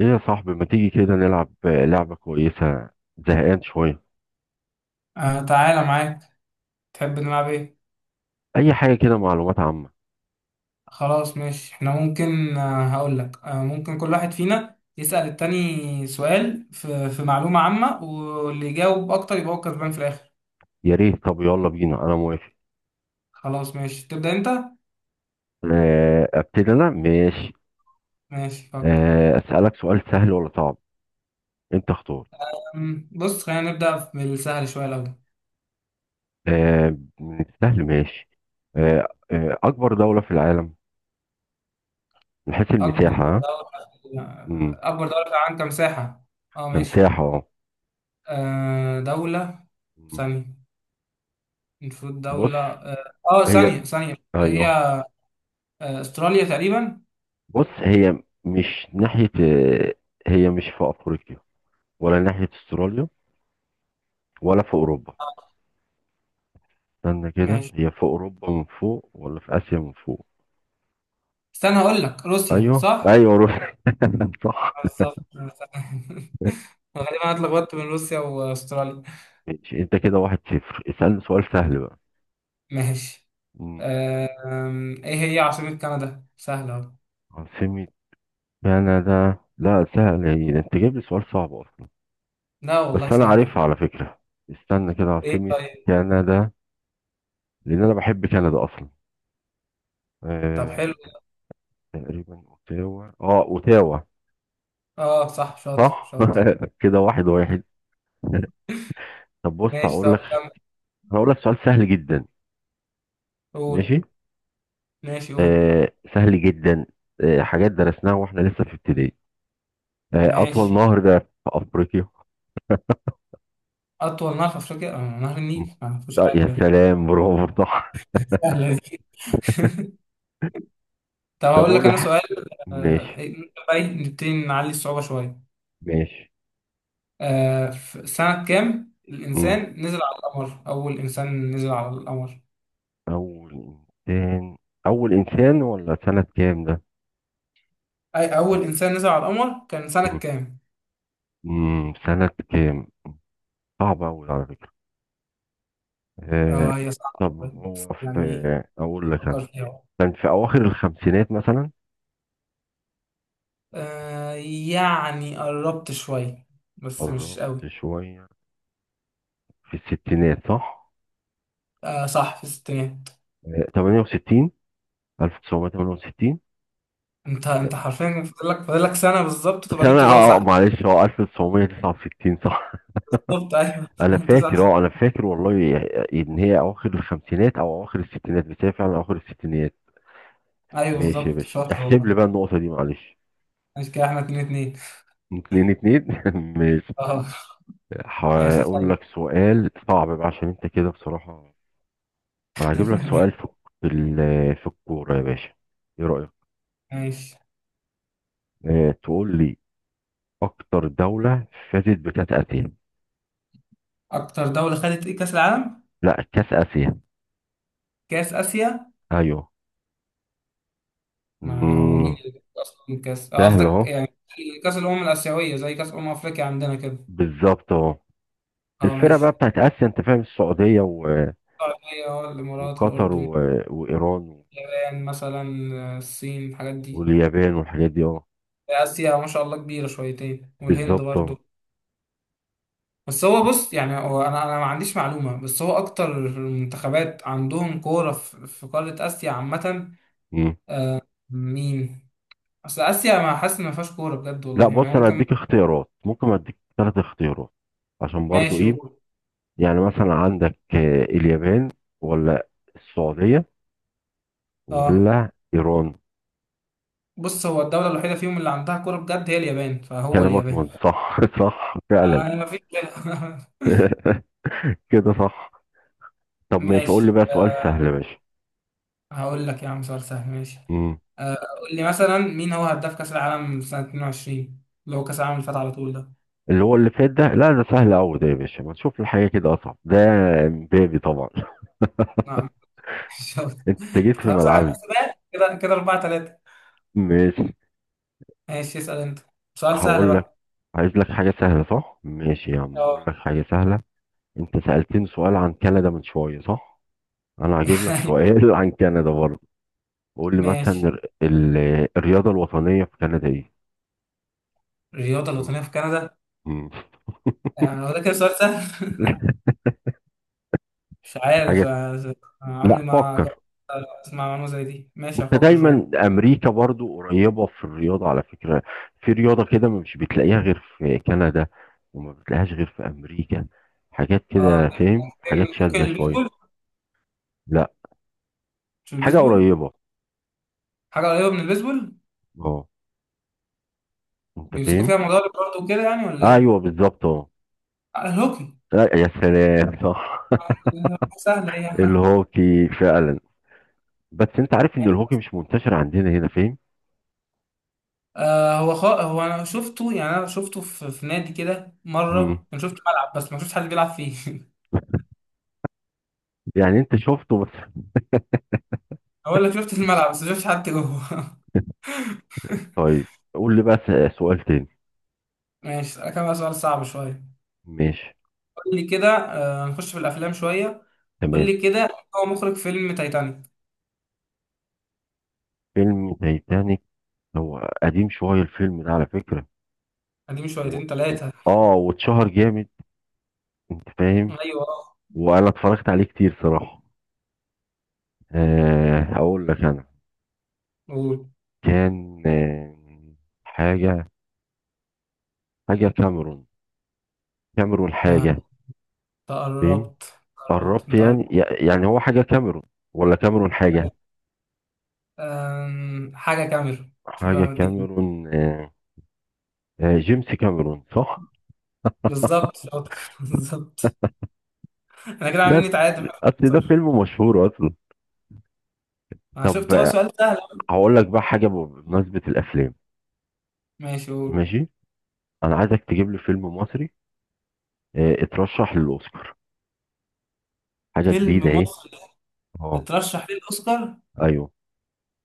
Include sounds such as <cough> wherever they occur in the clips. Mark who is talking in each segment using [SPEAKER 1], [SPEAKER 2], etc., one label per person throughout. [SPEAKER 1] ايه يا صاحبي ما تيجي كده نلعب لعبة كويسة؟ زهقان شوية.
[SPEAKER 2] آه، تعالى معاك. تحب نلعب ايه؟
[SPEAKER 1] اي حاجة كده، معلومات عامة.
[SPEAKER 2] خلاص ماشي، احنا ممكن هقول لك ممكن كل واحد فينا يسأل التاني سؤال في معلومة عامة، واللي يجاوب اكتر يبقى هو كسبان في الاخر.
[SPEAKER 1] يا ريت، طب يلا بينا، انا موافق.
[SPEAKER 2] خلاص ماشي، تبدأ انت.
[SPEAKER 1] ابتدي انا، ماشي.
[SPEAKER 2] ماشي، فكر.
[SPEAKER 1] اسألك سؤال سهل ولا صعب؟ انت اختار.
[SPEAKER 2] بص، خلينا نبدأ بالسهل شوية الاول.
[SPEAKER 1] من السهل، ماشي. اكبر دولة في العالم من حيث المساحة، ها؟ مم.
[SPEAKER 2] اكبر دولة في العالم كمساحة. اه ماشي.
[SPEAKER 1] كمساحة، اه.
[SPEAKER 2] دولة
[SPEAKER 1] مم.
[SPEAKER 2] ثانية، المفروض
[SPEAKER 1] بص
[SPEAKER 2] دولة اه
[SPEAKER 1] هي.
[SPEAKER 2] ثانية ثانية هي
[SPEAKER 1] ايوه،
[SPEAKER 2] استراليا تقريبا.
[SPEAKER 1] بص هي مش ناحية. آه، هي مش في افريقيا ولا ناحية استراليا ولا في اوروبا؟
[SPEAKER 2] آه،
[SPEAKER 1] استنى كده،
[SPEAKER 2] ماشي،
[SPEAKER 1] هي في اوروبا من فوق ولا في اسيا من فوق؟
[SPEAKER 2] استنى هقول لك روسيا،
[SPEAKER 1] ايوه
[SPEAKER 2] صح؟
[SPEAKER 1] ايوه، روح، <laughs> صح.
[SPEAKER 2] بالظبط. <laughs> تمام. غالبا انا اتلخبطت بين روسيا واستراليا.
[SPEAKER 1] ماشي، انت كده واحد صفر. اسألني سؤال سهل بقى.
[SPEAKER 2] ماشي.
[SPEAKER 1] مم.
[SPEAKER 2] ايه هي عاصمة كندا؟ سهلة أهو.
[SPEAKER 1] عاصمة كندا؟ لا سهل، هي ده انت جايب لي سؤال صعب اصلا.
[SPEAKER 2] لا
[SPEAKER 1] بس
[SPEAKER 2] والله،
[SPEAKER 1] انا
[SPEAKER 2] سهلة.
[SPEAKER 1] عارفها على فكرة. استنى كده،
[SPEAKER 2] ايه؟
[SPEAKER 1] عاصمة
[SPEAKER 2] طيب.
[SPEAKER 1] كندا. لان انا بحب كندا اصلا.
[SPEAKER 2] طب، حلو.
[SPEAKER 1] آه... تقريبا اوتاوا، اه، اوتاوا.
[SPEAKER 2] اه صح، شاطر
[SPEAKER 1] صح.
[SPEAKER 2] شاطر.
[SPEAKER 1] <laughs> كده واحد واحد. طب بص،
[SPEAKER 2] ماشي،
[SPEAKER 1] هقول لك.
[SPEAKER 2] طب كمل.
[SPEAKER 1] هقول لك سؤال سهل جدا.
[SPEAKER 2] قول.
[SPEAKER 1] ماشي.
[SPEAKER 2] ماشي، قول.
[SPEAKER 1] سهل جدا. حاجات درسناها واحنا لسه في ابتدائي. اطول
[SPEAKER 2] ماشي.
[SPEAKER 1] نهر ده في افريقيا.
[SPEAKER 2] أطول نهر في أفريقيا نهر
[SPEAKER 1] م.
[SPEAKER 2] النيل، ما فيهوش
[SPEAKER 1] طيب،
[SPEAKER 2] حاجة
[SPEAKER 1] يا
[SPEAKER 2] ده.
[SPEAKER 1] سلام، برافو، صح.
[SPEAKER 2] سهلة دي. <laughs> طب،
[SPEAKER 1] <laughs> طب
[SPEAKER 2] هقول لك
[SPEAKER 1] اقول
[SPEAKER 2] أنا
[SPEAKER 1] لك.
[SPEAKER 2] سؤال. آه،
[SPEAKER 1] ماشي
[SPEAKER 2] إيه، بقى نبتدي نعلي الصعوبة شوية.
[SPEAKER 1] ماشي.
[SPEAKER 2] في سنة كام
[SPEAKER 1] م.
[SPEAKER 2] الإنسان نزل على القمر؟ أول إنسان نزل على القمر.
[SPEAKER 1] اول انسان اول انسان ولا سنة كام ده؟
[SPEAKER 2] أي
[SPEAKER 1] م.
[SPEAKER 2] أول إنسان نزل على القمر كان سنة
[SPEAKER 1] م.
[SPEAKER 2] كام؟
[SPEAKER 1] م. سنة كام؟ صعب قوي على فكرة. آه.
[SPEAKER 2] هي صعبة
[SPEAKER 1] طب
[SPEAKER 2] شوية،
[SPEAKER 1] هو
[SPEAKER 2] بس
[SPEAKER 1] في،
[SPEAKER 2] يعني إيه.
[SPEAKER 1] اقول لك
[SPEAKER 2] فكر
[SPEAKER 1] انا.
[SPEAKER 2] فيها.
[SPEAKER 1] كان في اواخر الخمسينات مثلا.
[SPEAKER 2] آه يعني قربت شوية، بس مش
[SPEAKER 1] قربت
[SPEAKER 2] قوي.
[SPEAKER 1] شوية. في الستينات، صح.
[SPEAKER 2] آه صح، في الستينات.
[SPEAKER 1] 68. 1968.
[SPEAKER 2] أنت حرفيا، فاضل لك سنة بالظبط تبقى
[SPEAKER 1] سنة،
[SPEAKER 2] جبت الإجابة صح.
[SPEAKER 1] معلش، هو 1969، صح.
[SPEAKER 2] بالظبط أيوه. <laughs> تسع سنين.
[SPEAKER 1] انا فاكر والله ان هي اواخر الخمسينات او اواخر الستينات، بس هي فعلا اواخر الستينات.
[SPEAKER 2] أيوه
[SPEAKER 1] ماشي يا
[SPEAKER 2] بالظبط،
[SPEAKER 1] باشا،
[SPEAKER 2] شاطر
[SPEAKER 1] احسب
[SPEAKER 2] والله.
[SPEAKER 1] لي بقى النقطة دي معلش.
[SPEAKER 2] ماشي، كده إحنا اتنين اتنين.
[SPEAKER 1] اتنين اتنين، <laughs> ماشي.
[SPEAKER 2] أه. ماشي
[SPEAKER 1] هقول
[SPEAKER 2] طيب.
[SPEAKER 1] لك سؤال صعب بقى، عشان انت كده بصراحة. انا هجيب لك سؤال
[SPEAKER 2] <laughs>
[SPEAKER 1] في، في الكورة يا باشا. ايه رأيك؟
[SPEAKER 2] ماشي.
[SPEAKER 1] اه، تقول لي اكتر دولة فازت بكأس اسيا.
[SPEAKER 2] أكتر دولة خدت إيه، كأس العالم؟
[SPEAKER 1] لا، كأس اسيا.
[SPEAKER 2] كاس اسيا. ما هو
[SPEAKER 1] ايوه.
[SPEAKER 2] مين اللي بياخد اصلا كاس،
[SPEAKER 1] سهل
[SPEAKER 2] قصدك
[SPEAKER 1] اهو.
[SPEAKER 2] يعني كاس الامم الاسيويه زي كاس افريقيا عندنا كده.
[SPEAKER 1] بالظبط اهو.
[SPEAKER 2] اه
[SPEAKER 1] الفرقة بقى
[SPEAKER 2] ماشي.
[SPEAKER 1] بتاعت آسيا، أنت فاهم، السعودية و...
[SPEAKER 2] السعوديه، الامارات،
[SPEAKER 1] وقطر و...
[SPEAKER 2] الاردن،
[SPEAKER 1] وإيران.
[SPEAKER 2] اليابان مثلا، الصين، الحاجات دي.
[SPEAKER 1] واليابان والحاجات دي، اه.
[SPEAKER 2] اسيا ما شاء الله كبيره شويتين، والهند
[SPEAKER 1] بالظبط، اه.
[SPEAKER 2] برضو. بس هو بص، يعني هو انا ما عنديش معلومه، بس هو اكتر المنتخبات عندهم كوره في قاره اسيا عامه.
[SPEAKER 1] مم.
[SPEAKER 2] مين؟ اصل اسيا ما حاسس إن ما فيهاش كوره بجد
[SPEAKER 1] لا
[SPEAKER 2] والله، يعني
[SPEAKER 1] بص، أنا
[SPEAKER 2] ممكن.
[SPEAKER 1] أديك اختيارات، ممكن أديك ثلاث اختيارات. عشان برضو
[SPEAKER 2] ماشي،
[SPEAKER 1] إيه.
[SPEAKER 2] قول.
[SPEAKER 1] يعني مثلا عندك اليابان، ولا السعودية،
[SPEAKER 2] اه
[SPEAKER 1] ولا إيران.
[SPEAKER 2] بص، هو الدولة الوحيدة فيهم اللي عندها كورة بجد هي اليابان، فهو
[SPEAKER 1] كلامك
[SPEAKER 2] اليابان.
[SPEAKER 1] مظبوط، صح، <laughs> صح فعلا.
[SPEAKER 2] أنا مفيش غيرها.
[SPEAKER 1] <laughs> كده صح. طب
[SPEAKER 2] <laughs>
[SPEAKER 1] ماشي، قول لي
[SPEAKER 2] ماشي
[SPEAKER 1] بقى سؤال سهل يا
[SPEAKER 2] آه، هقول لك يا عم سؤال سهل، ماشي،
[SPEAKER 1] باشا.
[SPEAKER 2] قول لي مثلا مين هو هداف كأس العالم سنة 22، اللي هو كأس العالم اللي فات على طول ده.
[SPEAKER 1] اللي هو اللي فات ده، لا ده سهل قوي ده يا باشا، ما نشوف الحاجه كده اصعب ده. امبابي طبعا. <laughs>
[SPEAKER 2] نعم. <laughs> شاطر.
[SPEAKER 1] انت جيت في
[SPEAKER 2] خلاص، أنا
[SPEAKER 1] ملعبي.
[SPEAKER 2] حسبات كده كده 4-3.
[SPEAKER 1] ماشي،
[SPEAKER 2] ماشي، اسأل أنت. سؤال سهل
[SPEAKER 1] هقول لك.
[SPEAKER 2] بقى.
[SPEAKER 1] عايز لك حاجه سهله، صح؟ ماشي يا عم، هقول
[SPEAKER 2] اه.
[SPEAKER 1] لك حاجه سهله. انت سالتني سؤال عن كندا من شويه، صح؟ انا هجيب
[SPEAKER 2] <laughs>
[SPEAKER 1] لك
[SPEAKER 2] أيوه.
[SPEAKER 1] سؤال <laughs> عن كندا برضه. قول لي مثلا
[SPEAKER 2] ماشي.
[SPEAKER 1] الرياضه الوطنيه في كندا ايه؟
[SPEAKER 2] الرياضة
[SPEAKER 1] مم.
[SPEAKER 2] الوطنية في كندا.
[SPEAKER 1] مم.
[SPEAKER 2] يعني هو ده كده سؤال سهل؟ <laughs> مش
[SPEAKER 1] <laughs>
[SPEAKER 2] عارف
[SPEAKER 1] حاجه.
[SPEAKER 2] آه،
[SPEAKER 1] لا،
[SPEAKER 2] عمري ما
[SPEAKER 1] فكر.
[SPEAKER 2] جربت أسمع معلومة زي دي. ماشي،
[SPEAKER 1] انت
[SPEAKER 2] هفكر شوية.
[SPEAKER 1] دايما امريكا برضو قريبه في الرياضه على فكره. في رياضه كده مش بتلاقيها غير في كندا، وما بتلاقيهاش غير في امريكا. حاجات
[SPEAKER 2] اه،
[SPEAKER 1] كده، فاهم، حاجات
[SPEAKER 2] ممكن
[SPEAKER 1] شاذه شويه.
[SPEAKER 2] البيسبول.
[SPEAKER 1] لا.
[SPEAKER 2] مش
[SPEAKER 1] حاجه
[SPEAKER 2] البيسبول.
[SPEAKER 1] قريبه.
[SPEAKER 2] حاجة قريبة من البيسبول.
[SPEAKER 1] اه. انت
[SPEAKER 2] بيمسكوا
[SPEAKER 1] فاهم.
[SPEAKER 2] فيها موضوع البرد وكده، يعني، ولا ايه؟
[SPEAKER 1] ايوه، بالظبط، اه.
[SPEAKER 2] آه، الهوكي.
[SPEAKER 1] لا، يا سلام، صح.
[SPEAKER 2] سهلة ايه
[SPEAKER 1] <laughs>
[SPEAKER 2] يعني.
[SPEAKER 1] الهوكي فعلا. بس انت عارف ان
[SPEAKER 2] <laughs>
[SPEAKER 1] الهوكي مش منتشر عندنا هنا، فاهم.
[SPEAKER 2] هو انا شفته في نادي كده
[SPEAKER 1] مم.
[SPEAKER 2] مرة، انا شفت ملعب بس ما شفتش حد بيلعب فيه. <laughs>
[SPEAKER 1] يعني انت شفته بس.
[SPEAKER 2] اقول لك شفت الملعب بس ما شفتش حد جوه.
[SPEAKER 1] طيب، قول لي بقى سؤال تاني.
[SPEAKER 2] <laughs> ماشي، كان بقى سؤال صعب شوية.
[SPEAKER 1] ماشي،
[SPEAKER 2] قول لي كده، نخش في الافلام شوية. قول
[SPEAKER 1] تمام.
[SPEAKER 2] لي كده، هو مخرج فيلم تايتانيك؟
[SPEAKER 1] فيلم تايتانيك. هو قديم شوية الفيلم ده على فكرة.
[SPEAKER 2] قديم
[SPEAKER 1] و...
[SPEAKER 2] شويتين
[SPEAKER 1] و...
[SPEAKER 2] ثلاثة.
[SPEAKER 1] اه، واتشهر جامد، انت فاهم،
[SPEAKER 2] ايوه،
[SPEAKER 1] وانا اتفرجت عليه كتير صراحة. آه، هقول لك انا.
[SPEAKER 2] قول.
[SPEAKER 1] كان، آه، حاجة. حاجة كاميرون كاميرون
[SPEAKER 2] آه، انت
[SPEAKER 1] حاجة. فاهم،
[SPEAKER 2] قربت قربت،
[SPEAKER 1] قربت
[SPEAKER 2] انت قربت.
[SPEAKER 1] يعني. يعني هو حاجة كاميرون ولا كاميرون حاجة؟
[SPEAKER 2] حاجة كاميرا، شوف
[SPEAKER 1] حاجة
[SPEAKER 2] أنا بديك إيه.
[SPEAKER 1] كاميرون، جيمس كاميرون، صح؟
[SPEAKER 2] بالظبط شاطر، <laughs> بالظبط. أنا كده
[SPEAKER 1] لا،
[SPEAKER 2] عاملين نتعادل.
[SPEAKER 1] اصل ده
[SPEAKER 2] صح.
[SPEAKER 1] فيلم مشهور اصلا.
[SPEAKER 2] أنا
[SPEAKER 1] طب،
[SPEAKER 2] شفت هو سؤال سهل.
[SPEAKER 1] هقول لك بقى حاجة بمناسبة الافلام.
[SPEAKER 2] ماشي، قول.
[SPEAKER 1] ماشي. انا عايزك تجيب لي فيلم مصري اترشح للاوسكار، حاجه جديده
[SPEAKER 2] فيلم
[SPEAKER 1] اهي.
[SPEAKER 2] مصري
[SPEAKER 1] اه،
[SPEAKER 2] اترشح للأوسكار؟
[SPEAKER 1] ايوه.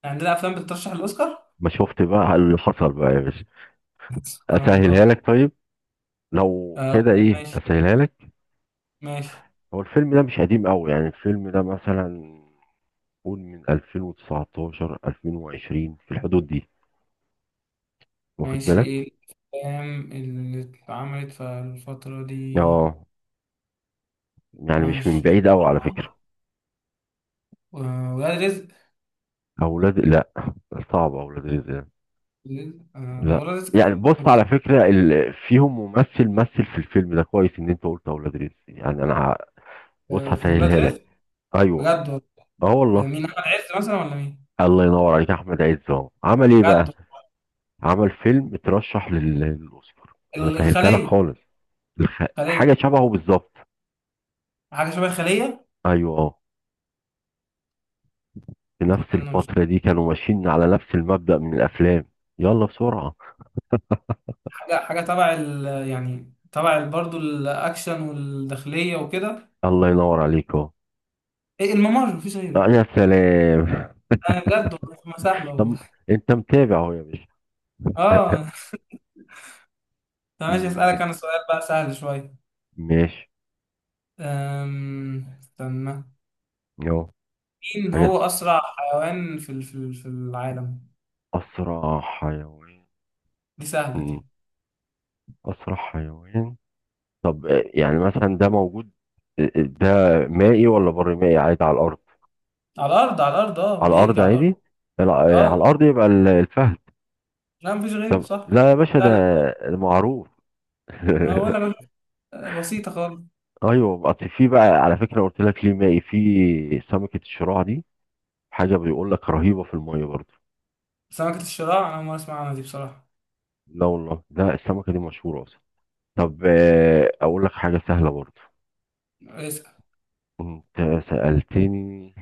[SPEAKER 2] عندنا أفلام بتترشح للأوسكار؟
[SPEAKER 1] ما شفت بقى <laughs> اللي حصل بقى يا باشا.
[SPEAKER 2] <laughs> سبحان
[SPEAKER 1] اسهلها
[SPEAKER 2] الله.
[SPEAKER 1] لك، طيب. لو
[SPEAKER 2] آه،
[SPEAKER 1] كده ايه
[SPEAKER 2] ماشي
[SPEAKER 1] اسهلها لك.
[SPEAKER 2] ماشي
[SPEAKER 1] هو الفيلم ده مش قديم قوي، يعني الفيلم ده مثلا، قول من 2019 2020 في الحدود دي، واخد
[SPEAKER 2] ماشي،
[SPEAKER 1] بالك؟
[SPEAKER 2] إيه الأفلام اللي اتعملت في الفترة دي؟
[SPEAKER 1] اه. يعني مش من
[SPEAKER 2] ماشي.
[SPEAKER 1] بعيد قوي على فكرة.
[SPEAKER 2] ولاد رزق.
[SPEAKER 1] لا، صعب اولاد رزق ده. لا،
[SPEAKER 2] ولاد رزق كان.
[SPEAKER 1] يعني بص
[SPEAKER 2] حلو.
[SPEAKER 1] على فكرة فيهم ممثل مثل في الفيلم ده كويس، ان انت قلت اولاد رزق يعني انا بص
[SPEAKER 2] في ولاد
[SPEAKER 1] هسهلها لك.
[SPEAKER 2] رزق،
[SPEAKER 1] ايوه،
[SPEAKER 2] بجد والله.
[SPEAKER 1] اه والله.
[SPEAKER 2] مين، أحمد عز مثلا، ولا مين؟
[SPEAKER 1] الله ينور عليك يا احمد عز، اهو عمل ايه بقى؟
[SPEAKER 2] بجد.
[SPEAKER 1] عمل فيلم اترشح للاوسكار. انا سهلتها لك
[SPEAKER 2] الخلية.
[SPEAKER 1] خالص.
[SPEAKER 2] خلية.
[SPEAKER 1] حاجه شبهه بالظبط.
[SPEAKER 2] حاجة شبه الخلية.
[SPEAKER 1] ايوه، اه. في نفس
[SPEAKER 2] أنا مش.
[SPEAKER 1] الفتره دي كانوا ماشيين على نفس المبدأ من الافلام. يلا بسرعه.
[SPEAKER 2] حاجة تبع ال، يعني تبع ال- برضو الأكشن والداخلية وكده.
[SPEAKER 1] الله ينور عليك اهو.
[SPEAKER 2] إيه، الممر مفيش غيره.
[SPEAKER 1] آه، يا سلام.
[SPEAKER 2] أنا بجد والله ما سهلة
[SPEAKER 1] <laughs> طب،
[SPEAKER 2] والله.
[SPEAKER 1] انت متابع اهو يا باشا. <laughs>
[SPEAKER 2] آه. طب ماشي،
[SPEAKER 1] مم.
[SPEAKER 2] أسألك أنا سؤال بقى سهل شوية.
[SPEAKER 1] ماشي.
[SPEAKER 2] استنى،
[SPEAKER 1] اهو
[SPEAKER 2] مين هو
[SPEAKER 1] حاجه.
[SPEAKER 2] أسرع حيوان في العالم؟
[SPEAKER 1] اسرع حيوان.
[SPEAKER 2] دي سهلة دي.
[SPEAKER 1] مم. اسرع حيوان. طب يعني مثلا ده موجود، ده مائي ولا بر مائي عادي على الارض؟
[SPEAKER 2] على الأرض، على الأرض،
[SPEAKER 1] على الارض
[SPEAKER 2] بيجري على الأرض.
[SPEAKER 1] عادي. لا، على
[SPEAKER 2] آه
[SPEAKER 1] الارض يبقى الفهد.
[SPEAKER 2] لا، مفيش غيره،
[SPEAKER 1] ده
[SPEAKER 2] صح.
[SPEAKER 1] لا يا باشا،
[SPEAKER 2] سهلة.
[SPEAKER 1] ده معروف.
[SPEAKER 2] ولا
[SPEAKER 1] <laughs>
[SPEAKER 2] بل- بسيطة خالص.
[SPEAKER 1] ايوه، اصل في بقى على فكره، قلت لك ليه مائي، في سمكه الشراع دي، حاجه بيقول لك رهيبه في الميه برضه.
[SPEAKER 2] سمكة الشراع أنا ما أسمع عنها دي بصراحة.
[SPEAKER 1] لا والله، ده السمكه دي مشهوره اصلا. طب اقول لك حاجه سهله برضه. انت سالتني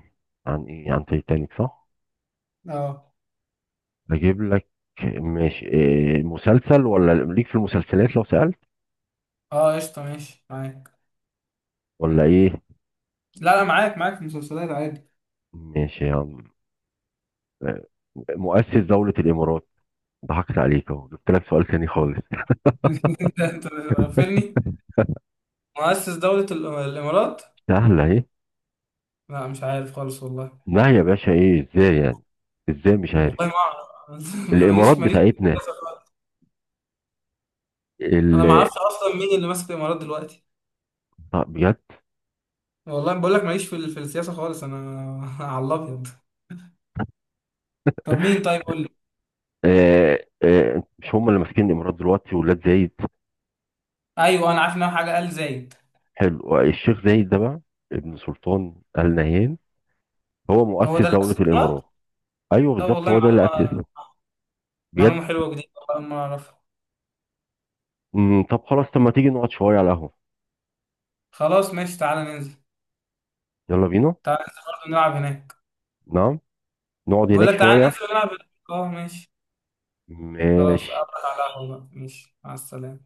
[SPEAKER 1] عن ايه؟ عن تايتانيك، صح.
[SPEAKER 2] اه
[SPEAKER 1] اجيب لك. ماشي، إيه مسلسل؟ ولا ليك في المسلسلات لو سألت
[SPEAKER 2] اه، قشطة، ماشي معاك.
[SPEAKER 1] ولا ايه؟
[SPEAKER 2] لا لا، معاك معاك في المسلسلات عادي.
[SPEAKER 1] ماشي يا عم. آه، مؤسس دولة الامارات. ضحكت عليك اهو، جبت لك سؤال تاني خالص.
[SPEAKER 2] <laughs> انت مغفلني. مؤسس دولة الامارات.
[SPEAKER 1] سهلة اهي.
[SPEAKER 2] لا مش عارف خالص والله.
[SPEAKER 1] لا يا باشا، ايه ازاي يعني؟ ازاي مش عارف؟
[SPEAKER 2] والله ما اعرف. <laughs>
[SPEAKER 1] الامارات
[SPEAKER 2] ماليش ماليش في
[SPEAKER 1] بتاعتنا.
[SPEAKER 2] السياسة خالص انا.
[SPEAKER 1] ال...
[SPEAKER 2] ما
[SPEAKER 1] آه،
[SPEAKER 2] اعرفش اصلا مين اللي ماسك الامارات دلوقتي.
[SPEAKER 1] طب بجد.
[SPEAKER 2] والله بقول لك ماليش في السياسة خالص انا. <laughs> على الابيض. طب مين طيب قول لي.
[SPEAKER 1] مش هم اللي ماسكين الامارات دلوقتي ولاد زايد؟
[SPEAKER 2] ايوه، انا عارف ان هو حاجة ال زايد.
[SPEAKER 1] حلو، الشيخ زايد ده بقى ابن سلطان آل نهيان، هو
[SPEAKER 2] هو
[SPEAKER 1] مؤسس
[SPEAKER 2] ده اللي
[SPEAKER 1] دولة
[SPEAKER 2] ماسك الامارات.
[SPEAKER 1] الامارات. ايوه
[SPEAKER 2] طب
[SPEAKER 1] بالظبط،
[SPEAKER 2] والله،
[SPEAKER 1] هو ده اللي
[SPEAKER 2] معلومة.
[SPEAKER 1] اسسها. بجد.
[SPEAKER 2] معلومة حلوة جديدة، والله ما اعرفها.
[SPEAKER 1] مم. طب خلاص، طب ما تيجي نقعد شوية على القهوة.
[SPEAKER 2] خلاص ماشي، تعالى ننزل.
[SPEAKER 1] يلا بينا.
[SPEAKER 2] تعالى ننزل برضه نلعب هناك.
[SPEAKER 1] نعم. نقعد
[SPEAKER 2] بقول
[SPEAKER 1] هناك
[SPEAKER 2] لك تعالى
[SPEAKER 1] شوية.
[SPEAKER 2] ننزل نلعب. اه ماشي. خلاص،
[SPEAKER 1] ماشي.
[SPEAKER 2] أقابلك على القهوة بقى، ماشي، مع السلامة.